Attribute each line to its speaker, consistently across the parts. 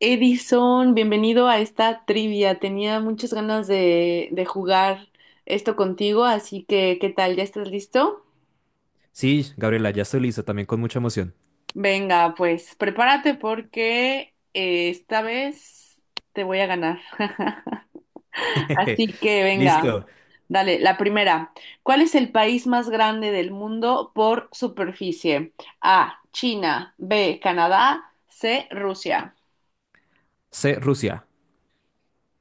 Speaker 1: Edison, bienvenido a esta trivia. Tenía muchas ganas de jugar esto contigo, así que, ¿qué tal? ¿Ya estás listo?
Speaker 2: Sí, Gabriela, ya estoy listo, también con mucha emoción.
Speaker 1: Venga, pues prepárate porque esta vez te voy a ganar. Así que, venga,
Speaker 2: Listo.
Speaker 1: dale, la primera. ¿Cuál es el país más grande del mundo por superficie? A, China, B, Canadá, C, Rusia.
Speaker 2: C, Rusia.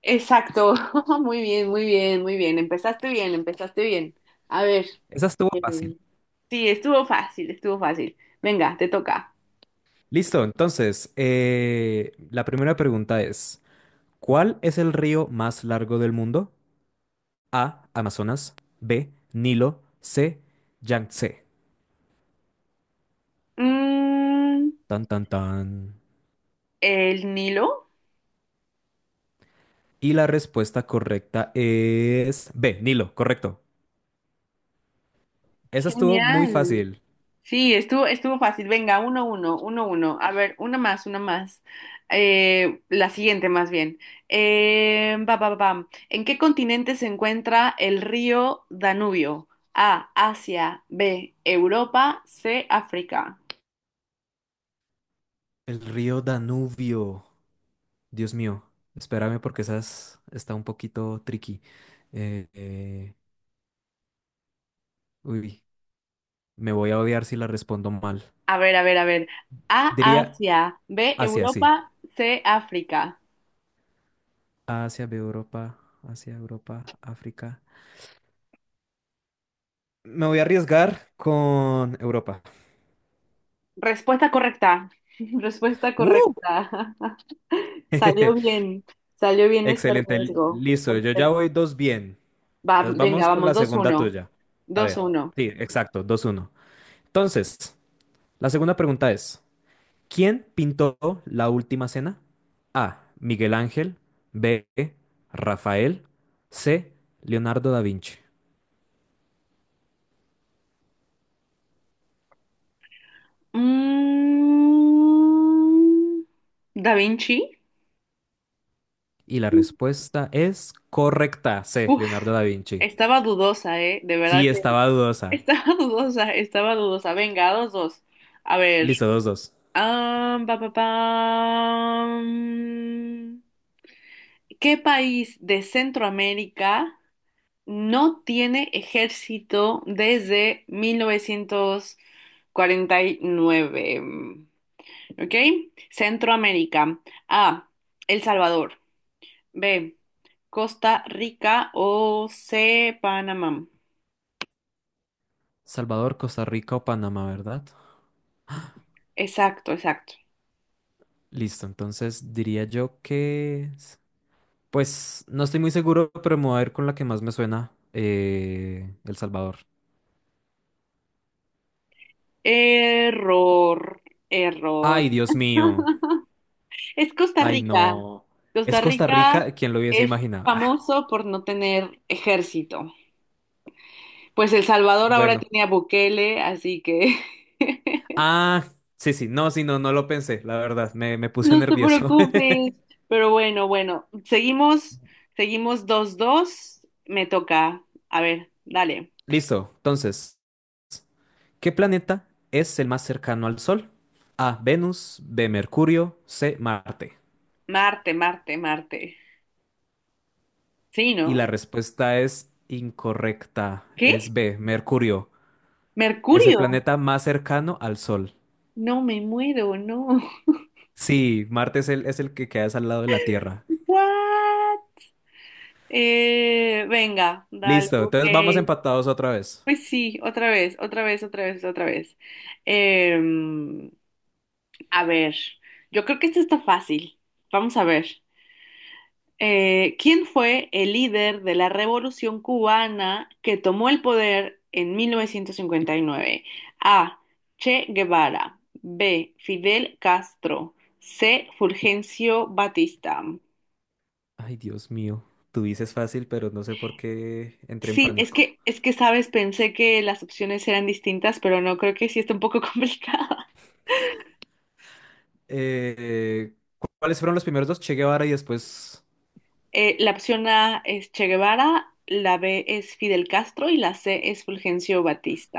Speaker 1: Exacto, muy bien, muy bien, muy bien. Empezaste bien, empezaste bien. A ver,
Speaker 2: Esa estuvo fácil.
Speaker 1: eh, sí, estuvo fácil, estuvo fácil. Venga, te toca.
Speaker 2: Listo, entonces, la primera pregunta es, ¿cuál es el río más largo del mundo? A, Amazonas, B, Nilo, C, Yangtze.
Speaker 1: Mm,
Speaker 2: Tan, tan, tan.
Speaker 1: el Nilo.
Speaker 2: Y la respuesta correcta es B, Nilo, correcto. Esa estuvo muy
Speaker 1: Genial.
Speaker 2: fácil.
Speaker 1: Sí, estuvo fácil. Venga, uno, uno, uno, uno. A ver, una más, una más. La siguiente, más bien. Pa, pa, pa, pam. ¿En qué continente se encuentra el río Danubio? A, Asia, B, Europa, C, África.
Speaker 2: El río Danubio. Dios mío, espérame porque esas está un poquito tricky. Eh, eh, uy, me voy a odiar si la respondo mal.
Speaker 1: A ver, a ver, a ver. A,
Speaker 2: Diría
Speaker 1: Asia. B,
Speaker 2: Asia, sí.
Speaker 1: Europa. C, África.
Speaker 2: Asia, Europa, Asia, Europa, África. Me voy a arriesgar con Europa.
Speaker 1: Respuesta correcta. Respuesta
Speaker 2: ¡Uh!
Speaker 1: correcta. Salió bien. Salió bien ese
Speaker 2: Excelente,
Speaker 1: riesgo.
Speaker 2: listo. Yo ya
Speaker 1: Perfecto.
Speaker 2: voy dos bien.
Speaker 1: Va,
Speaker 2: Entonces
Speaker 1: venga,
Speaker 2: vamos con
Speaker 1: vamos.
Speaker 2: la
Speaker 1: Dos
Speaker 2: segunda
Speaker 1: uno.
Speaker 2: tuya. A
Speaker 1: Dos
Speaker 2: ver,
Speaker 1: uno.
Speaker 2: sí, exacto, dos uno. Entonces, la segunda pregunta es. ¿Quién pintó la última cena? A, Miguel Ángel. B, Rafael. C, Leonardo da Vinci.
Speaker 1: Mm, Da Vinci.
Speaker 2: Y la respuesta es correcta. C,
Speaker 1: Uf,
Speaker 2: Leonardo da Vinci.
Speaker 1: estaba dudosa, ¿eh? De verdad
Speaker 2: Sí,
Speaker 1: que
Speaker 2: estaba dudosa.
Speaker 1: estaba dudosa, estaba dudosa. Venga, dos dos. A ver.
Speaker 2: Listo, dos, dos.
Speaker 1: Am, pa, pa, pam. ¿Qué país de Centroamérica no tiene ejército desde 1949? ¿Ok? Centroamérica. A. El Salvador. B. Costa Rica o C. Panamá.
Speaker 2: Salvador, Costa Rica o Panamá, ¿verdad?
Speaker 1: Exacto, exacto.
Speaker 2: Listo, entonces diría yo que... pues no estoy muy seguro, pero me voy a ir con la que más me suena. El Salvador.
Speaker 1: Error, error.
Speaker 2: Ay, Dios mío.
Speaker 1: Es Costa
Speaker 2: Ay,
Speaker 1: Rica.
Speaker 2: no. Es
Speaker 1: Costa
Speaker 2: Costa
Speaker 1: Rica
Speaker 2: Rica, quien lo hubiese
Speaker 1: es
Speaker 2: imaginado. Ah,
Speaker 1: famoso por no tener ejército. Pues El Salvador ahora
Speaker 2: bueno.
Speaker 1: tiene a Bukele, así que
Speaker 2: Ah, sí, sí. No, sí, no, no lo pensé, la verdad. Me puse
Speaker 1: no te
Speaker 2: nervioso.
Speaker 1: preocupes. Pero bueno, bueno, seguimos, seguimos dos dos. Me toca. A ver, dale.
Speaker 2: Listo. Entonces, ¿qué planeta es el más cercano al Sol? A, Venus, B, Mercurio, C, Marte.
Speaker 1: Marte, Marte, Marte. Sí,
Speaker 2: Y
Speaker 1: ¿no?
Speaker 2: la respuesta es incorrecta. Es
Speaker 1: ¿Qué?
Speaker 2: B, Mercurio. Es el
Speaker 1: ¿Mercurio?
Speaker 2: planeta más cercano al Sol.
Speaker 1: No me muero, no.
Speaker 2: Sí, Marte es el que queda al lado de la Tierra.
Speaker 1: What? Venga, dale,
Speaker 2: Listo,
Speaker 1: ok.
Speaker 2: entonces vamos empatados otra vez.
Speaker 1: Pues sí, otra vez, otra vez, otra vez, otra vez. Em, a ver, yo creo que esto está fácil. Vamos a ver. ¿Quién fue el líder de la Revolución Cubana que tomó el poder en 1959? A. Che Guevara. B. Fidel Castro. C. Fulgencio Batista.
Speaker 2: Ay, Dios mío. Tú dices fácil, pero no sé por qué entré en
Speaker 1: Sí,
Speaker 2: pánico.
Speaker 1: es que, sabes, pensé que las opciones eran distintas, pero no creo que sí está un poco complicado.
Speaker 2: ¿Cuáles fueron los primeros dos? Che Guevara y después
Speaker 1: La opción A es Che Guevara, la B es Fidel Castro y la C es Fulgencio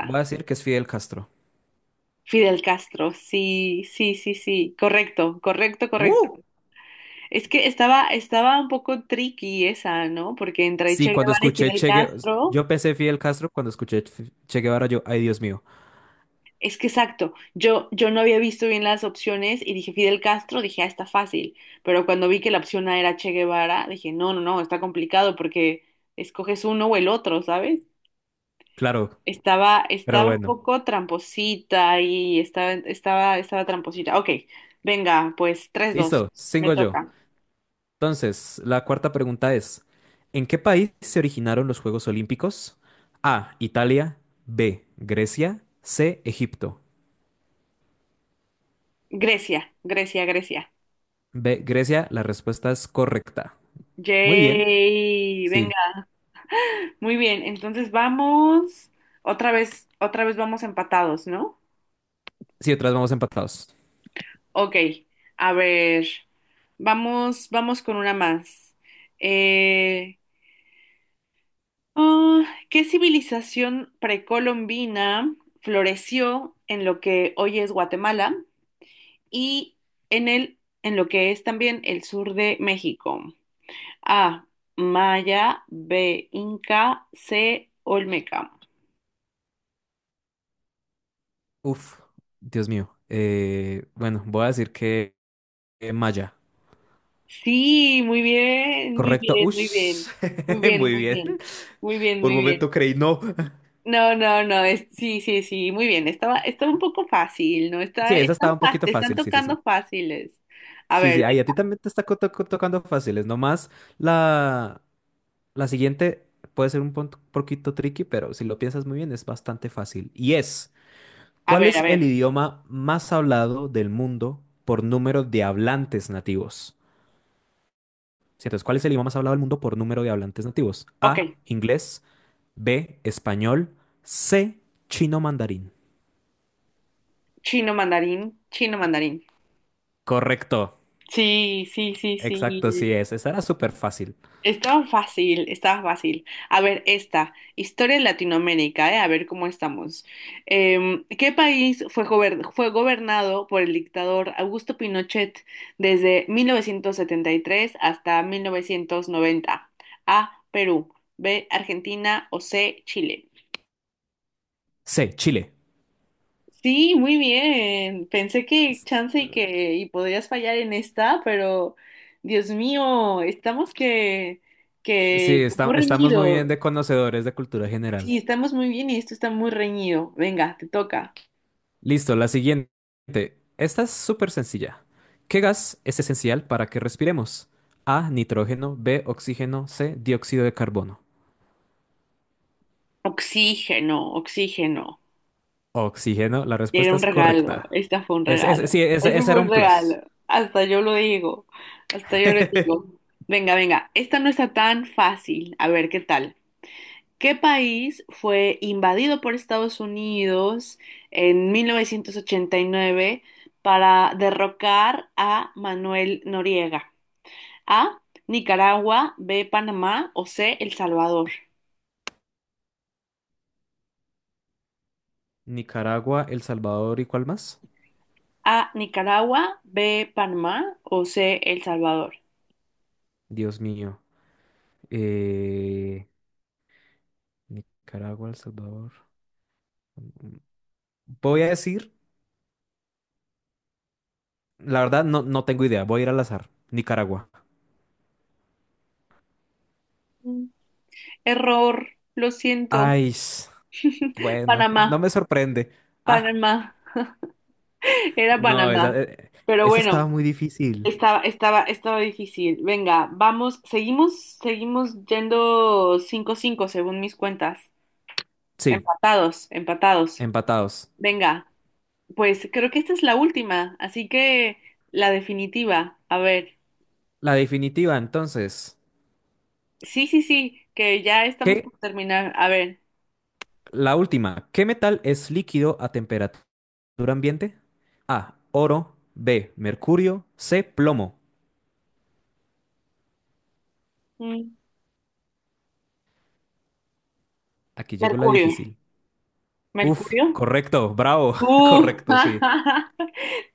Speaker 2: voy a decir que es Fidel Castro.
Speaker 1: Fidel Castro, sí, sí, sí, sí, correcto, correcto, correcto.
Speaker 2: ¡Uh!
Speaker 1: Es que estaba, estaba un poco tricky esa, ¿no? Porque entre
Speaker 2: Sí,
Speaker 1: Che
Speaker 2: cuando
Speaker 1: Guevara y
Speaker 2: escuché
Speaker 1: Fidel
Speaker 2: Che Guevara,
Speaker 1: Castro,
Speaker 2: yo pensé Fidel Castro, cuando escuché Che Guevara, yo, ay, Dios mío.
Speaker 1: es que exacto, yo no había visto bien las opciones y dije Fidel Castro, dije, ah, está fácil, pero cuando vi que la opción A era Che Guevara, dije, no, no, no, está complicado porque escoges uno o el otro, ¿sabes?
Speaker 2: Claro,
Speaker 1: Estaba,
Speaker 2: pero
Speaker 1: estaba un
Speaker 2: bueno.
Speaker 1: poco tramposita y estaba, estaba, estaba tramposita. Ok, venga, pues tres dos
Speaker 2: Listo,
Speaker 1: me
Speaker 2: sigo yo.
Speaker 1: toca.
Speaker 2: Entonces, la cuarta pregunta es, ¿en qué país se originaron los Juegos Olímpicos? A, Italia, B, Grecia, C, Egipto.
Speaker 1: Grecia, Grecia, Grecia.
Speaker 2: B, Grecia, la respuesta es correcta. Muy bien.
Speaker 1: Yay,
Speaker 2: Sí.
Speaker 1: venga. Muy bien, entonces vamos, otra vez vamos empatados, ¿no?
Speaker 2: Sí, otras vamos empatados.
Speaker 1: Ok, a ver, vamos, vamos con una más. Eh, ah, ¿Qué civilización precolombina floreció en lo que hoy es Guatemala? Y en lo que es también el sur de México. A, Maya, B, Inca, C, Olmeca.
Speaker 2: Uf, Dios mío. Bueno, voy a decir que Maya.
Speaker 1: Sí, muy bien, muy
Speaker 2: Correcto.
Speaker 1: bien, muy
Speaker 2: Ush.
Speaker 1: bien, muy bien,
Speaker 2: Muy
Speaker 1: muy
Speaker 2: bien.
Speaker 1: bien, muy bien,
Speaker 2: Por
Speaker 1: muy
Speaker 2: un momento
Speaker 1: bien.
Speaker 2: creí no.
Speaker 1: No, no, no, es, sí, sí, sí, muy bien. Estaba, estaba un poco fácil, ¿no?
Speaker 2: Sí,
Speaker 1: Está,
Speaker 2: esa
Speaker 1: están
Speaker 2: estaba un
Speaker 1: fácil,
Speaker 2: poquito
Speaker 1: te están
Speaker 2: fácil. Sí, sí, sí.
Speaker 1: tocando fáciles. A
Speaker 2: Sí, sí.
Speaker 1: ver,
Speaker 2: Ahí a ti
Speaker 1: venga,
Speaker 2: también te está tocando fáciles. Nomás la, la siguiente puede ser un poquito tricky, pero si lo piensas muy bien es bastante fácil. Y es,
Speaker 1: a
Speaker 2: ¿cuál
Speaker 1: ver, a
Speaker 2: es el
Speaker 1: ver.
Speaker 2: idioma más hablado del mundo por número de hablantes nativos? Sí, entonces, ¿cuál es el idioma más hablado del mundo por número de hablantes nativos?
Speaker 1: Ok,
Speaker 2: A, inglés, B, español, C, chino mandarín.
Speaker 1: chino mandarín, chino mandarín.
Speaker 2: Correcto.
Speaker 1: Sí, sí, sí,
Speaker 2: Exacto, sí
Speaker 1: sí.
Speaker 2: es. Esa era súper fácil.
Speaker 1: Estaba fácil, estaba fácil. A ver, esta, historia de Latinoamérica, ¿eh? A ver cómo estamos. ¿Qué país fue, fue gobernado por el dictador Augusto Pinochet desde 1973 hasta 1990? A, Perú, B, Argentina o C, Chile.
Speaker 2: C, Chile.
Speaker 1: Sí, muy bien. Pensé que
Speaker 2: S-
Speaker 1: chance y que y podrías fallar en esta, pero Dios mío, estamos
Speaker 2: sí,
Speaker 1: que muy
Speaker 2: estamos muy bien
Speaker 1: reñido.
Speaker 2: de conocedores de cultura general.
Speaker 1: Sí, estamos muy bien y esto está muy reñido. Venga, te toca.
Speaker 2: Listo, la siguiente. Esta es súper sencilla. ¿Qué gas es esencial para que respiremos? A, nitrógeno, B, oxígeno, C, dióxido de carbono.
Speaker 1: Oxígeno, oxígeno.
Speaker 2: Oxígeno, la
Speaker 1: Era
Speaker 2: respuesta
Speaker 1: un
Speaker 2: es
Speaker 1: regalo.
Speaker 2: correcta.
Speaker 1: Este fue un
Speaker 2: Sí,
Speaker 1: regalo. Eso
Speaker 2: ese era
Speaker 1: fue un
Speaker 2: un plus.
Speaker 1: regalo. Hasta yo lo digo. Hasta yo lo digo. Venga, venga. Esta no está tan fácil. A ver, ¿qué tal? ¿Qué país fue invadido por Estados Unidos en 1989 para derrocar a Manuel Noriega? A. Nicaragua. B. Panamá. O C. El Salvador.
Speaker 2: Nicaragua, El Salvador y ¿cuál más?
Speaker 1: A, Nicaragua, B, Panamá o C, El Salvador.
Speaker 2: Dios mío. Eh, Nicaragua, El Salvador. Voy a decir, la verdad no, no tengo idea, voy a ir al azar. Nicaragua.
Speaker 1: Mm. Error, lo siento.
Speaker 2: Ay, bueno, no
Speaker 1: Panamá,
Speaker 2: me sorprende. Ah,
Speaker 1: Panamá, era
Speaker 2: no, esa,
Speaker 1: Panamá. Pero
Speaker 2: esa
Speaker 1: bueno,
Speaker 2: estaba muy difícil.
Speaker 1: estaba, estaba, estaba difícil. Venga, vamos, seguimos, seguimos yendo cinco, cinco según mis cuentas.
Speaker 2: Sí,
Speaker 1: Empatados, empatados.
Speaker 2: empatados.
Speaker 1: Venga, pues creo que esta es la última, así que la definitiva. A ver,
Speaker 2: La definitiva, entonces.
Speaker 1: sí, sí, sí, que ya estamos
Speaker 2: ¿Qué?
Speaker 1: por terminar. A ver,
Speaker 2: La última. ¿Qué metal es líquido a temperatura ambiente? A, oro. B, mercurio. C, plomo.
Speaker 1: mm,
Speaker 2: Aquí llegó la
Speaker 1: Mercurio.
Speaker 2: difícil. Uf,
Speaker 1: Mercurio.
Speaker 2: correcto, bravo,
Speaker 1: Uh,
Speaker 2: correcto, sí.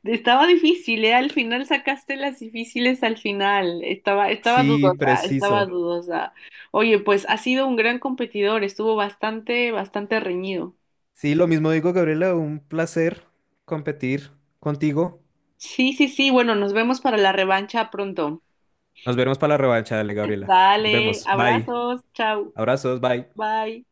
Speaker 1: estaba difícil, ¿eh? Al final sacaste las difíciles al final. Estaba, estaba
Speaker 2: Sí,
Speaker 1: dudosa, estaba
Speaker 2: preciso.
Speaker 1: dudosa. Oye, pues ha sido un gran competidor, estuvo bastante, bastante reñido.
Speaker 2: Sí, lo mismo digo, Gabriela, un placer competir contigo.
Speaker 1: Sí, sí, sí, bueno, nos vemos para la revancha pronto.
Speaker 2: Nos veremos para la revancha, dale, Gabriela. Nos
Speaker 1: Dale,
Speaker 2: vemos, bye.
Speaker 1: abrazos, chao,
Speaker 2: Abrazos, bye.
Speaker 1: bye.